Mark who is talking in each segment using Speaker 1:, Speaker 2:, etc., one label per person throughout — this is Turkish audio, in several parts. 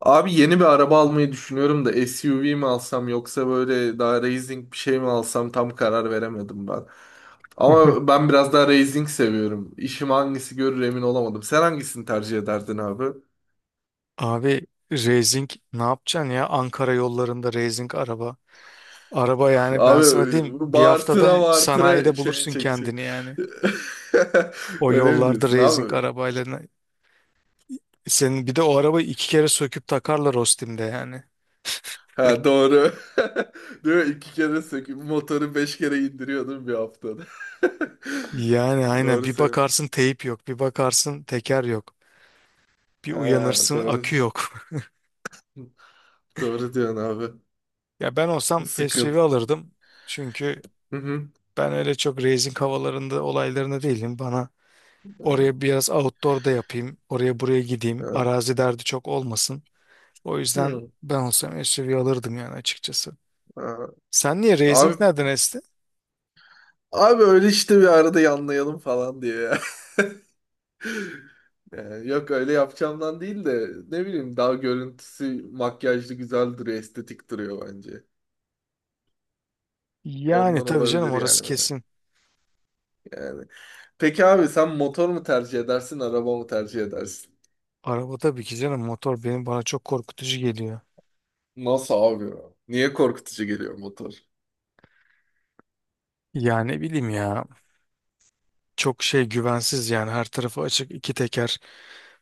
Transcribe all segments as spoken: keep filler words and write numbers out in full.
Speaker 1: Abi yeni bir araba almayı düşünüyorum da S U V mi alsam yoksa böyle daha racing bir şey mi alsam tam karar veremedim ben. Ama ben biraz daha racing seviyorum. İşim hangisi görür emin olamadım. Sen hangisini tercih ederdin abi?
Speaker 2: Abi racing ne yapacaksın ya, Ankara yollarında racing araba. Araba yani, ben
Speaker 1: Abi
Speaker 2: sana diyeyim, bir haftada
Speaker 1: bağırtıra bağırtıra
Speaker 2: sanayide
Speaker 1: şey
Speaker 2: bulursun
Speaker 1: çekecek.
Speaker 2: kendini yani. O
Speaker 1: Öyle mi
Speaker 2: yollarda
Speaker 1: diyorsun
Speaker 2: racing
Speaker 1: abi?
Speaker 2: arabayla. ne- Senin bir de o arabayı iki kere söküp takarlar Ostim'de yani.
Speaker 1: Ha, doğru. Değil mi? İki kere söküp motoru beş kere indiriyordum bir haftada.
Speaker 2: Yani aynen,
Speaker 1: Doğru
Speaker 2: bir
Speaker 1: sen.
Speaker 2: bakarsın teyip yok, bir bakarsın teker yok. Bir
Speaker 1: Ha,
Speaker 2: uyanırsın akü
Speaker 1: doğru.
Speaker 2: yok.
Speaker 1: Doğru diyorsun abi.
Speaker 2: Ya ben olsam
Speaker 1: Sıkıntı.
Speaker 2: S U V alırdım. Çünkü
Speaker 1: Hı hı.
Speaker 2: ben öyle çok racing havalarında, olaylarında değilim. Bana
Speaker 1: Hı.
Speaker 2: oraya biraz outdoor da yapayım. Oraya buraya gideyim.
Speaker 1: Hı.
Speaker 2: Arazi derdi çok olmasın. O yüzden ben olsam S U V alırdım yani, açıkçası.
Speaker 1: Hı.
Speaker 2: Sen niye?
Speaker 1: Abi,
Speaker 2: Racing nereden esti?
Speaker 1: abi öyle işte bir arada yanlayalım falan diyor ya. Yani yok öyle yapacağımdan değil de ne bileyim daha görüntüsü makyajlı güzel duruyor, estetik duruyor bence.
Speaker 2: Yani
Speaker 1: Ondan
Speaker 2: tabii canım,
Speaker 1: olabilir yani,
Speaker 2: orası
Speaker 1: böyle.
Speaker 2: kesin.
Speaker 1: Yani. Peki abi sen motor mu tercih edersin, araba mı tercih edersin?
Speaker 2: Araba tabii ki canım, motor benim bana çok korkutucu geliyor.
Speaker 1: Nasıl abi ya? Niye korkutucu geliyor motor?
Speaker 2: Yani ne bileyim ya, çok şey güvensiz yani, her tarafı açık, iki teker,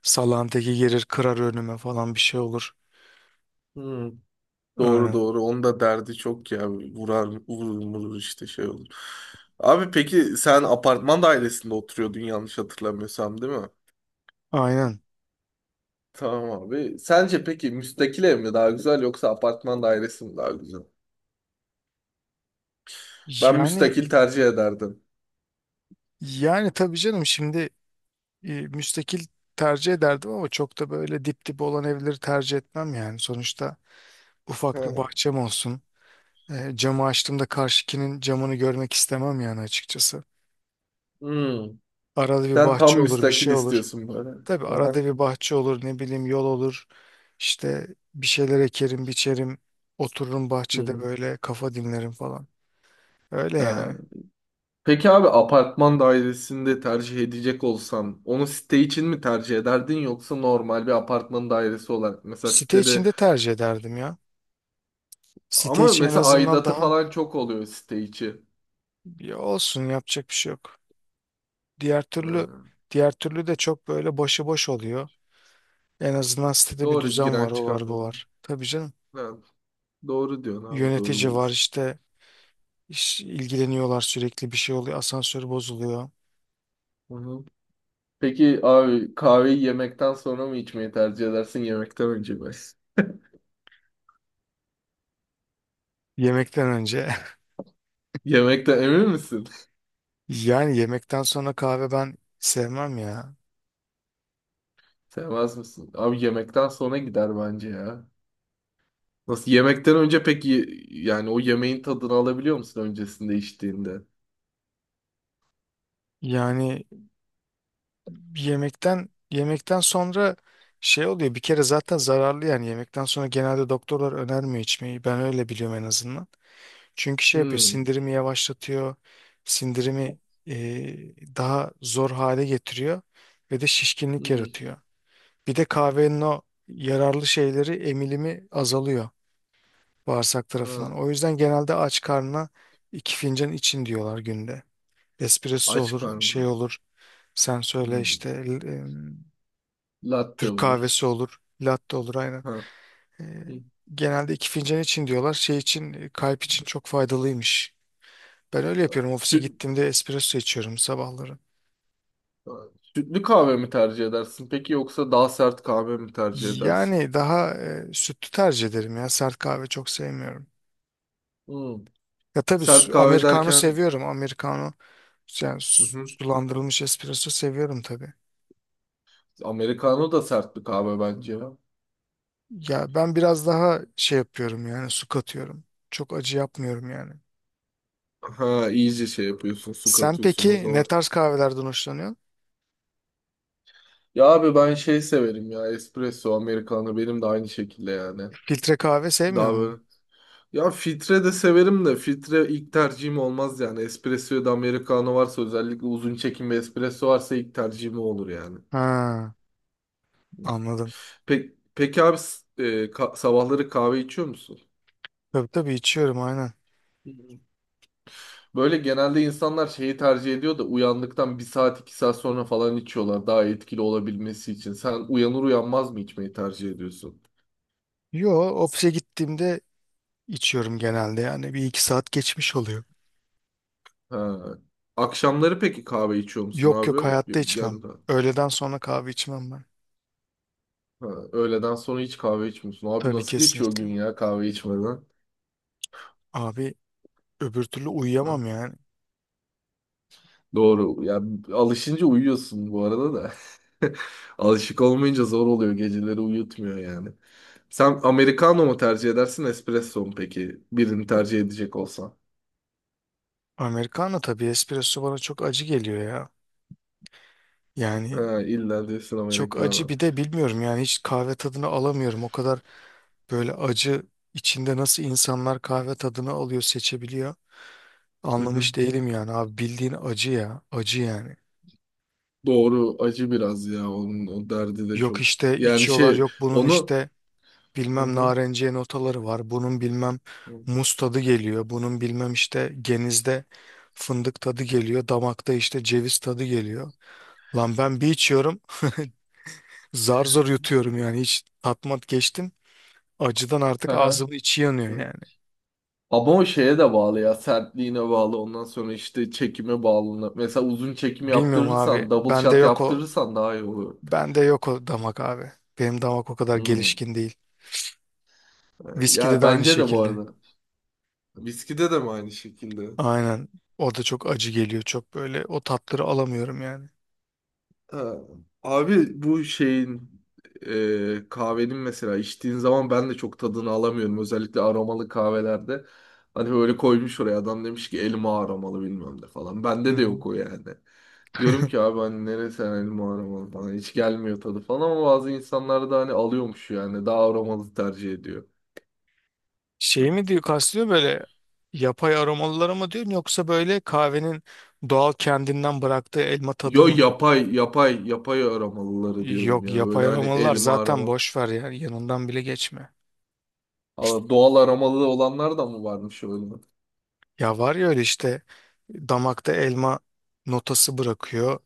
Speaker 2: salan teki gelir kırar önüme falan, bir şey olur.
Speaker 1: Hmm, doğru
Speaker 2: Aynen.
Speaker 1: doğru. Onun da derdi çok ya. Vurar, vurur, vurur işte şey olur. Abi peki sen apartman dairesinde oturuyordun yanlış hatırlamıyorsam, değil mi?
Speaker 2: Aynen.
Speaker 1: Tamam abi. Sence peki müstakil ev mi daha güzel yoksa apartman dairesi mi daha güzel? Ben
Speaker 2: Yani
Speaker 1: müstakil tercih ederdim.
Speaker 2: yani tabii canım şimdi, e, müstakil tercih ederdim ama çok da böyle dip dip olan evleri tercih etmem yani. Sonuçta ufak bir
Speaker 1: Hı.
Speaker 2: bahçem olsun. E, camı açtığımda karşıkinin camını görmek istemem yani, açıkçası.
Speaker 1: Hmm.
Speaker 2: Arada bir
Speaker 1: Sen
Speaker 2: bahçe
Speaker 1: tam
Speaker 2: olur, bir
Speaker 1: müstakil
Speaker 2: şey olur.
Speaker 1: istiyorsun böyle.
Speaker 2: Tabii
Speaker 1: Aha.
Speaker 2: arada bir bahçe olur, ne bileyim yol olur. İşte bir şeyler ekerim, biçerim. Otururum
Speaker 1: Hı,
Speaker 2: bahçede
Speaker 1: hı.
Speaker 2: böyle kafa dinlerim falan. Öyle
Speaker 1: Ha.
Speaker 2: yani.
Speaker 1: Peki abi apartman dairesinde tercih edecek olsan onu site için mi tercih ederdin yoksa normal bir apartman dairesi olarak, mesela
Speaker 2: Site
Speaker 1: sitede
Speaker 2: içinde tercih ederdim ya. Site
Speaker 1: ama
Speaker 2: içi en
Speaker 1: mesela
Speaker 2: azından
Speaker 1: aidatı
Speaker 2: daha...
Speaker 1: falan çok oluyor site içi.
Speaker 2: Ya olsun, yapacak bir şey yok. Diğer türlü
Speaker 1: Ha.
Speaker 2: diğer türlü de çok böyle başıboş oluyor. En azından sitede bir
Speaker 1: Doğru,
Speaker 2: düzen
Speaker 1: giren
Speaker 2: var, o
Speaker 1: çıkan
Speaker 2: var, bu
Speaker 1: benim.
Speaker 2: var. Tabii canım.
Speaker 1: Ha. Doğru diyorsun abi, doğru
Speaker 2: Yönetici var
Speaker 1: diyorsun.
Speaker 2: işte, iş- ilgileniyorlar, sürekli bir şey oluyor. Asansör bozuluyor.
Speaker 1: Hı hı. Peki abi kahveyi yemekten sonra mı içmeyi tercih edersin yemekten önce mi?
Speaker 2: Yemekten önce.
Speaker 1: Yemekten emin misin?
Speaker 2: Yani yemekten sonra kahve ben sevmem ya.
Speaker 1: Sevmez misin? Abi yemekten sonra gider bence ya. Nasıl yemekten önce peki, yani o yemeğin tadını alabiliyor musun öncesinde içtiğinde?
Speaker 2: Yani yemekten yemekten sonra şey oluyor. Bir kere zaten zararlı yani, yemekten sonra genelde doktorlar önermiyor içmeyi. Ben öyle biliyorum en azından. Çünkü şey yapıyor,
Speaker 1: Hmm.
Speaker 2: sindirimi yavaşlatıyor, sindirimi e, daha zor hale getiriyor ve de şişkinlik
Speaker 1: Hmm.
Speaker 2: yaratıyor. Bir de kahvenin o yararlı şeyleri emilimi azalıyor, bağırsak
Speaker 1: Ha.
Speaker 2: tarafından. O yüzden genelde aç karnına iki fincan için diyorlar günde. Espresso
Speaker 1: Aç
Speaker 2: olur, şey
Speaker 1: karnına.
Speaker 2: olur, sen söyle
Speaker 1: Hmm.
Speaker 2: işte, e,
Speaker 1: Latte
Speaker 2: Türk
Speaker 1: olur.
Speaker 2: kahvesi olur, latte olur, aynen.
Speaker 1: Ha.
Speaker 2: E,
Speaker 1: Hmm.
Speaker 2: Genelde iki fincan için diyorlar. Şey için, e, kalp için çok faydalıymış. Ben öyle yapıyorum. Ofise
Speaker 1: Süt,
Speaker 2: gittiğimde espresso içiyorum sabahları.
Speaker 1: sütlü kahve mi tercih edersin peki yoksa daha sert kahve mi tercih edersin?
Speaker 2: Yani daha e, sütlü tercih ederim ya. Sert kahve çok sevmiyorum.
Speaker 1: Hmm.
Speaker 2: Ya tabii
Speaker 1: Sert
Speaker 2: su-
Speaker 1: kahve
Speaker 2: Americano
Speaker 1: derken.
Speaker 2: seviyorum. Americano yani,
Speaker 1: Hı
Speaker 2: su-
Speaker 1: hı.
Speaker 2: sulandırılmış espresso seviyorum tabii.
Speaker 1: Americano da sert bir kahve bence ya.
Speaker 2: Ya ben biraz daha şey yapıyorum yani, su katıyorum. Çok acı yapmıyorum yani.
Speaker 1: Ha, iyice şey yapıyorsun, su
Speaker 2: Sen
Speaker 1: katıyorsun o
Speaker 2: peki ne
Speaker 1: zaman.
Speaker 2: tarz kahvelerden hoşlanıyorsun?
Speaker 1: Ya abi ben şey severim ya, espresso, americano benim de aynı şekilde yani.
Speaker 2: Filtre kahve sevmiyor
Speaker 1: Daha
Speaker 2: musun?
Speaker 1: böyle. Ya filtre de severim de filtre ilk tercihim olmaz yani. Espresso ya da americano varsa, özellikle uzun çekim ve espresso varsa ilk tercihim o olur yani.
Speaker 2: Ha, anladım.
Speaker 1: Peki, peki abi s- e, ka- sabahları kahve içiyor musun?
Speaker 2: Tabii tabii, içiyorum aynen.
Speaker 1: Hı hı. Böyle genelde insanlar şeyi tercih ediyor da uyandıktan bir saat iki saat sonra falan içiyorlar daha etkili olabilmesi için. Sen uyanır uyanmaz mı içmeyi tercih ediyorsun?
Speaker 2: Yo, ofise gittiğimde içiyorum genelde yani. Bir iki saat geçmiş oluyor.
Speaker 1: Ha. Akşamları peki kahve içiyor musun
Speaker 2: Yok
Speaker 1: abi?
Speaker 2: yok, hayatta içmem.
Speaker 1: Yani
Speaker 2: Öğleden sonra kahve içmem ben.
Speaker 1: ha, öğleden sonra hiç kahve içmiyorsun. Abi
Speaker 2: Tabii,
Speaker 1: nasıl geçiyor
Speaker 2: kesinlikle.
Speaker 1: gün ya kahve içmeden?
Speaker 2: Abi öbür türlü
Speaker 1: Ha,
Speaker 2: uyuyamam yani.
Speaker 1: doğru. Ya alışınca uyuyorsun bu arada da. Alışık olmayınca zor oluyor. Geceleri uyutmuyor yani. Sen americano mu tercih edersin, espresso mu peki? Birini tercih edecek olsan.
Speaker 2: Americano tabii, espresso bana çok acı geliyor ya. Yani
Speaker 1: Ha, illa diyorsun
Speaker 2: çok acı,
Speaker 1: americano.
Speaker 2: bir de bilmiyorum yani, hiç kahve tadını alamıyorum. O kadar böyle acı içinde nasıl insanlar kahve tadını alıyor, seçebiliyor.
Speaker 1: Hı hı.
Speaker 2: Anlamış değilim yani abi, bildiğin acı ya, acı yani.
Speaker 1: Doğru. Acı biraz ya. Onun o derdi de
Speaker 2: Yok
Speaker 1: çok.
Speaker 2: işte
Speaker 1: Yani
Speaker 2: içiyorlar,
Speaker 1: şey,
Speaker 2: yok bunun
Speaker 1: onu...
Speaker 2: işte
Speaker 1: Hı
Speaker 2: bilmem
Speaker 1: hı.
Speaker 2: narenciye notaları var. Bunun bilmem
Speaker 1: Hı.
Speaker 2: muz tadı geliyor. Bunun bilmem işte genizde fındık tadı geliyor. Damakta işte ceviz tadı geliyor. Lan ben bir içiyorum zar zor yutuyorum yani, hiç tatmat geçtim. Acıdan artık.
Speaker 1: Hı
Speaker 2: Evet.
Speaker 1: hı.
Speaker 2: Ağzımın içi yanıyor
Speaker 1: Hı.
Speaker 2: yani.
Speaker 1: Ama o şeye de bağlı ya, sertliğine bağlı, ondan sonra işte çekime bağlı. Mesela uzun çekim
Speaker 2: Bilmiyorum abi.
Speaker 1: yaptırırsan, double
Speaker 2: Bende
Speaker 1: shot
Speaker 2: yok o
Speaker 1: yaptırırsan daha iyi olur.
Speaker 2: bende yok o damak abi. Benim damak o kadar
Speaker 1: Hmm.
Speaker 2: gelişkin değil. Viskide
Speaker 1: Ya
Speaker 2: de aynı
Speaker 1: bence de bu
Speaker 2: şekilde.
Speaker 1: arada. Viskide de mi aynı şekilde?
Speaker 2: Aynen. Orada çok acı geliyor. Çok böyle o tatları alamıyorum yani.
Speaker 1: Ha. Abi bu şeyin, e, kahvenin mesela içtiğin zaman ben de çok tadını alamıyorum. Özellikle aromalı kahvelerde. Hani böyle koymuş oraya adam, demiş ki elma aromalı bilmem ne falan. Bende de
Speaker 2: Hı.
Speaker 1: yok o yani. Diyorum ki abi hani neresi, hani elma aromalı falan hiç gelmiyor tadı falan, ama bazı insanlar da hani alıyormuş yani, daha aromalı tercih ediyor.
Speaker 2: Şey
Speaker 1: Hı.
Speaker 2: mi diyor, kastediyor böyle yapay aromalıları mı diyorsun, yoksa böyle kahvenin doğal kendinden bıraktığı elma tadı
Speaker 1: Yo,
Speaker 2: mı?
Speaker 1: yapay yapay yapay aromalıları diyorum
Speaker 2: Yok,
Speaker 1: ya
Speaker 2: yapay
Speaker 1: böyle, hani
Speaker 2: aromalılar
Speaker 1: elma
Speaker 2: zaten
Speaker 1: aroma.
Speaker 2: boş ver yani, yanından bile geçme.
Speaker 1: Aa, doğal aromalı olanlar da mı varmış öyle?
Speaker 2: Ya var ya, öyle işte damakta elma notası bırakıyor.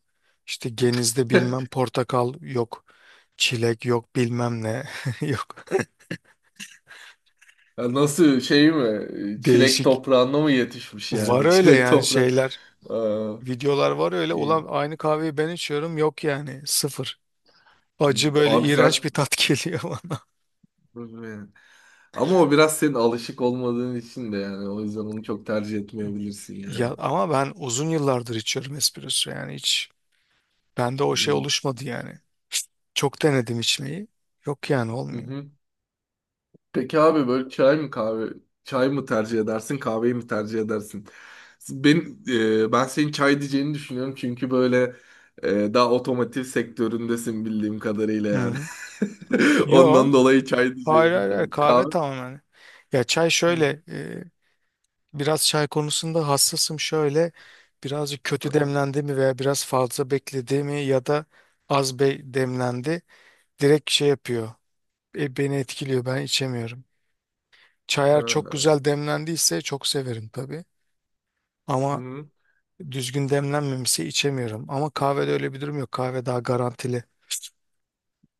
Speaker 2: İşte genizde bilmem portakal yok, çilek yok, bilmem ne yok.
Speaker 1: Ya nasıl, şey mi? Çilek
Speaker 2: Değişik.
Speaker 1: toprağında mı yetişmiş
Speaker 2: Var
Speaker 1: yani?
Speaker 2: öyle
Speaker 1: Çilek
Speaker 2: yani
Speaker 1: toprağı.
Speaker 2: şeyler,
Speaker 1: Aa,
Speaker 2: videolar var öyle.
Speaker 1: iyi.
Speaker 2: Ulan aynı kahveyi ben içiyorum, yok yani, sıfır.
Speaker 1: Hı.
Speaker 2: Acı böyle,
Speaker 1: Abi
Speaker 2: iğrenç
Speaker 1: zaten
Speaker 2: bir tat geliyor bana.
Speaker 1: ama o biraz senin alışık olmadığın için de yani, o yüzden onu çok tercih etmeyebilirsin yani.
Speaker 2: Ya ama ben uzun yıllardır içiyorum espresso yani, hiç bende o şey
Speaker 1: Hı
Speaker 2: oluşmadı yani. Çok denedim içmeyi. Yok yani, olmuyor.
Speaker 1: hı. Peki abi böyle çay mı kahve çay mı tercih edersin kahveyi mi tercih edersin? Ben e, ben senin çay diyeceğini düşünüyorum, çünkü böyle e, daha otomotiv sektöründesin bildiğim kadarıyla
Speaker 2: Hı.
Speaker 1: yani.
Speaker 2: Yo.
Speaker 1: Ondan dolayı çay
Speaker 2: Hayır
Speaker 1: diyeceğim.
Speaker 2: hayır hayır,
Speaker 1: Yani
Speaker 2: kahve
Speaker 1: kahve.
Speaker 2: tamamen. Ya çay
Speaker 1: Hı.
Speaker 2: şöyle, e, biraz çay konusunda hassasım, şöyle birazcık kötü
Speaker 1: Aha.
Speaker 2: demlendi mi veya biraz fazla bekledi mi ya da az be demlendi, direkt şey yapıyor. E, beni etkiliyor. Ben içemiyorum. Çayar çok
Speaker 1: Ha.
Speaker 2: güzel demlendiyse çok severim tabii. Ama
Speaker 1: Hı.
Speaker 2: düzgün demlenmemişse içemiyorum. Ama kahvede öyle bir durum yok. Kahve daha garantili.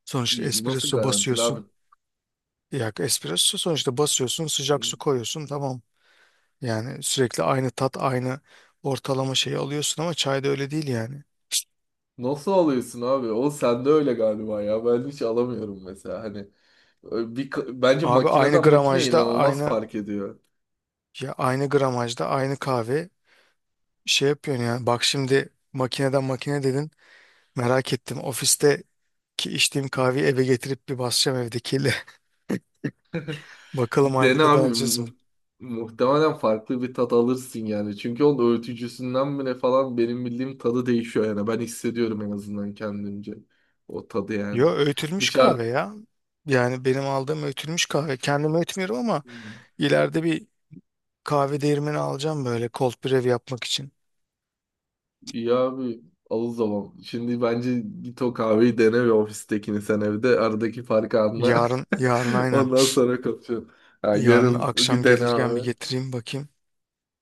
Speaker 2: Sonuçta
Speaker 1: Y- Nasıl
Speaker 2: espresso
Speaker 1: garantili
Speaker 2: basıyorsun.
Speaker 1: abi?
Speaker 2: Ya espresso sonuçta basıyorsun, sıcak
Speaker 1: Hı.
Speaker 2: su koyuyorsun, tamam. Yani sürekli aynı tat, aynı ortalama şeyi alıyorsun ama çayda öyle değil yani.
Speaker 1: Nasıl alıyorsun abi? O sende öyle galiba ya. Ben hiç alamıyorum mesela. Hani ö- bir ka- bence
Speaker 2: Abi aynı
Speaker 1: makineden makine
Speaker 2: gramajda
Speaker 1: inanılmaz
Speaker 2: aynı,
Speaker 1: fark ediyor.
Speaker 2: ya aynı gramajda aynı kahve şey yapıyorsun yani. Bak şimdi makineden makine dedin. Merak ettim. Ofiste ki içtiğim kahveyi eve getirip bir basacağım evdekiyle. Bakalım
Speaker 1: Bir
Speaker 2: aynı
Speaker 1: dene
Speaker 2: tadı
Speaker 1: abi.
Speaker 2: alacağız
Speaker 1: Mu-
Speaker 2: mı?
Speaker 1: muhtemelen farklı bir tat alırsın yani. Çünkü onun öğütücüsünden mi ne falan, benim bildiğim tadı değişiyor yani. Ben hissediyorum en azından kendimce. O tadı yani.
Speaker 2: Yo, öğütülmüş
Speaker 1: Dışarı.
Speaker 2: kahve ya. Yani benim aldığım öğütülmüş kahve. Kendim öğütmüyorum ama
Speaker 1: Hmm.
Speaker 2: ileride bir kahve değirmeni alacağım, böyle cold brew yapmak için.
Speaker 1: İyi abi, al o zaman. Şimdi bence git o kahveyi dene ve ofistekini sen evde. Aradaki farkı anla.
Speaker 2: Yarın, yarın aynen.
Speaker 1: Ondan sonra konuşalım. Ha,
Speaker 2: Yarın
Speaker 1: yarın
Speaker 2: akşam
Speaker 1: bir dene
Speaker 2: gelirken bir
Speaker 1: abi.
Speaker 2: getireyim bakayım.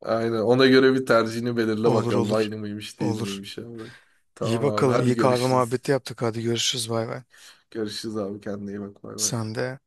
Speaker 1: Aynen. Ona göre bir tercihini belirle
Speaker 2: Olur
Speaker 1: bakalım.
Speaker 2: olur.
Speaker 1: Aynı mıymış değil
Speaker 2: Olur.
Speaker 1: miymiş abi.
Speaker 2: İyi
Speaker 1: Tamam abi.
Speaker 2: bakalım.
Speaker 1: Hadi
Speaker 2: İyi kahve
Speaker 1: görüşürüz.
Speaker 2: muhabbeti yaptık. Hadi görüşürüz. Bay bay.
Speaker 1: Görüşürüz abi, kendine iyi bak, bay bay.
Speaker 2: Sen de.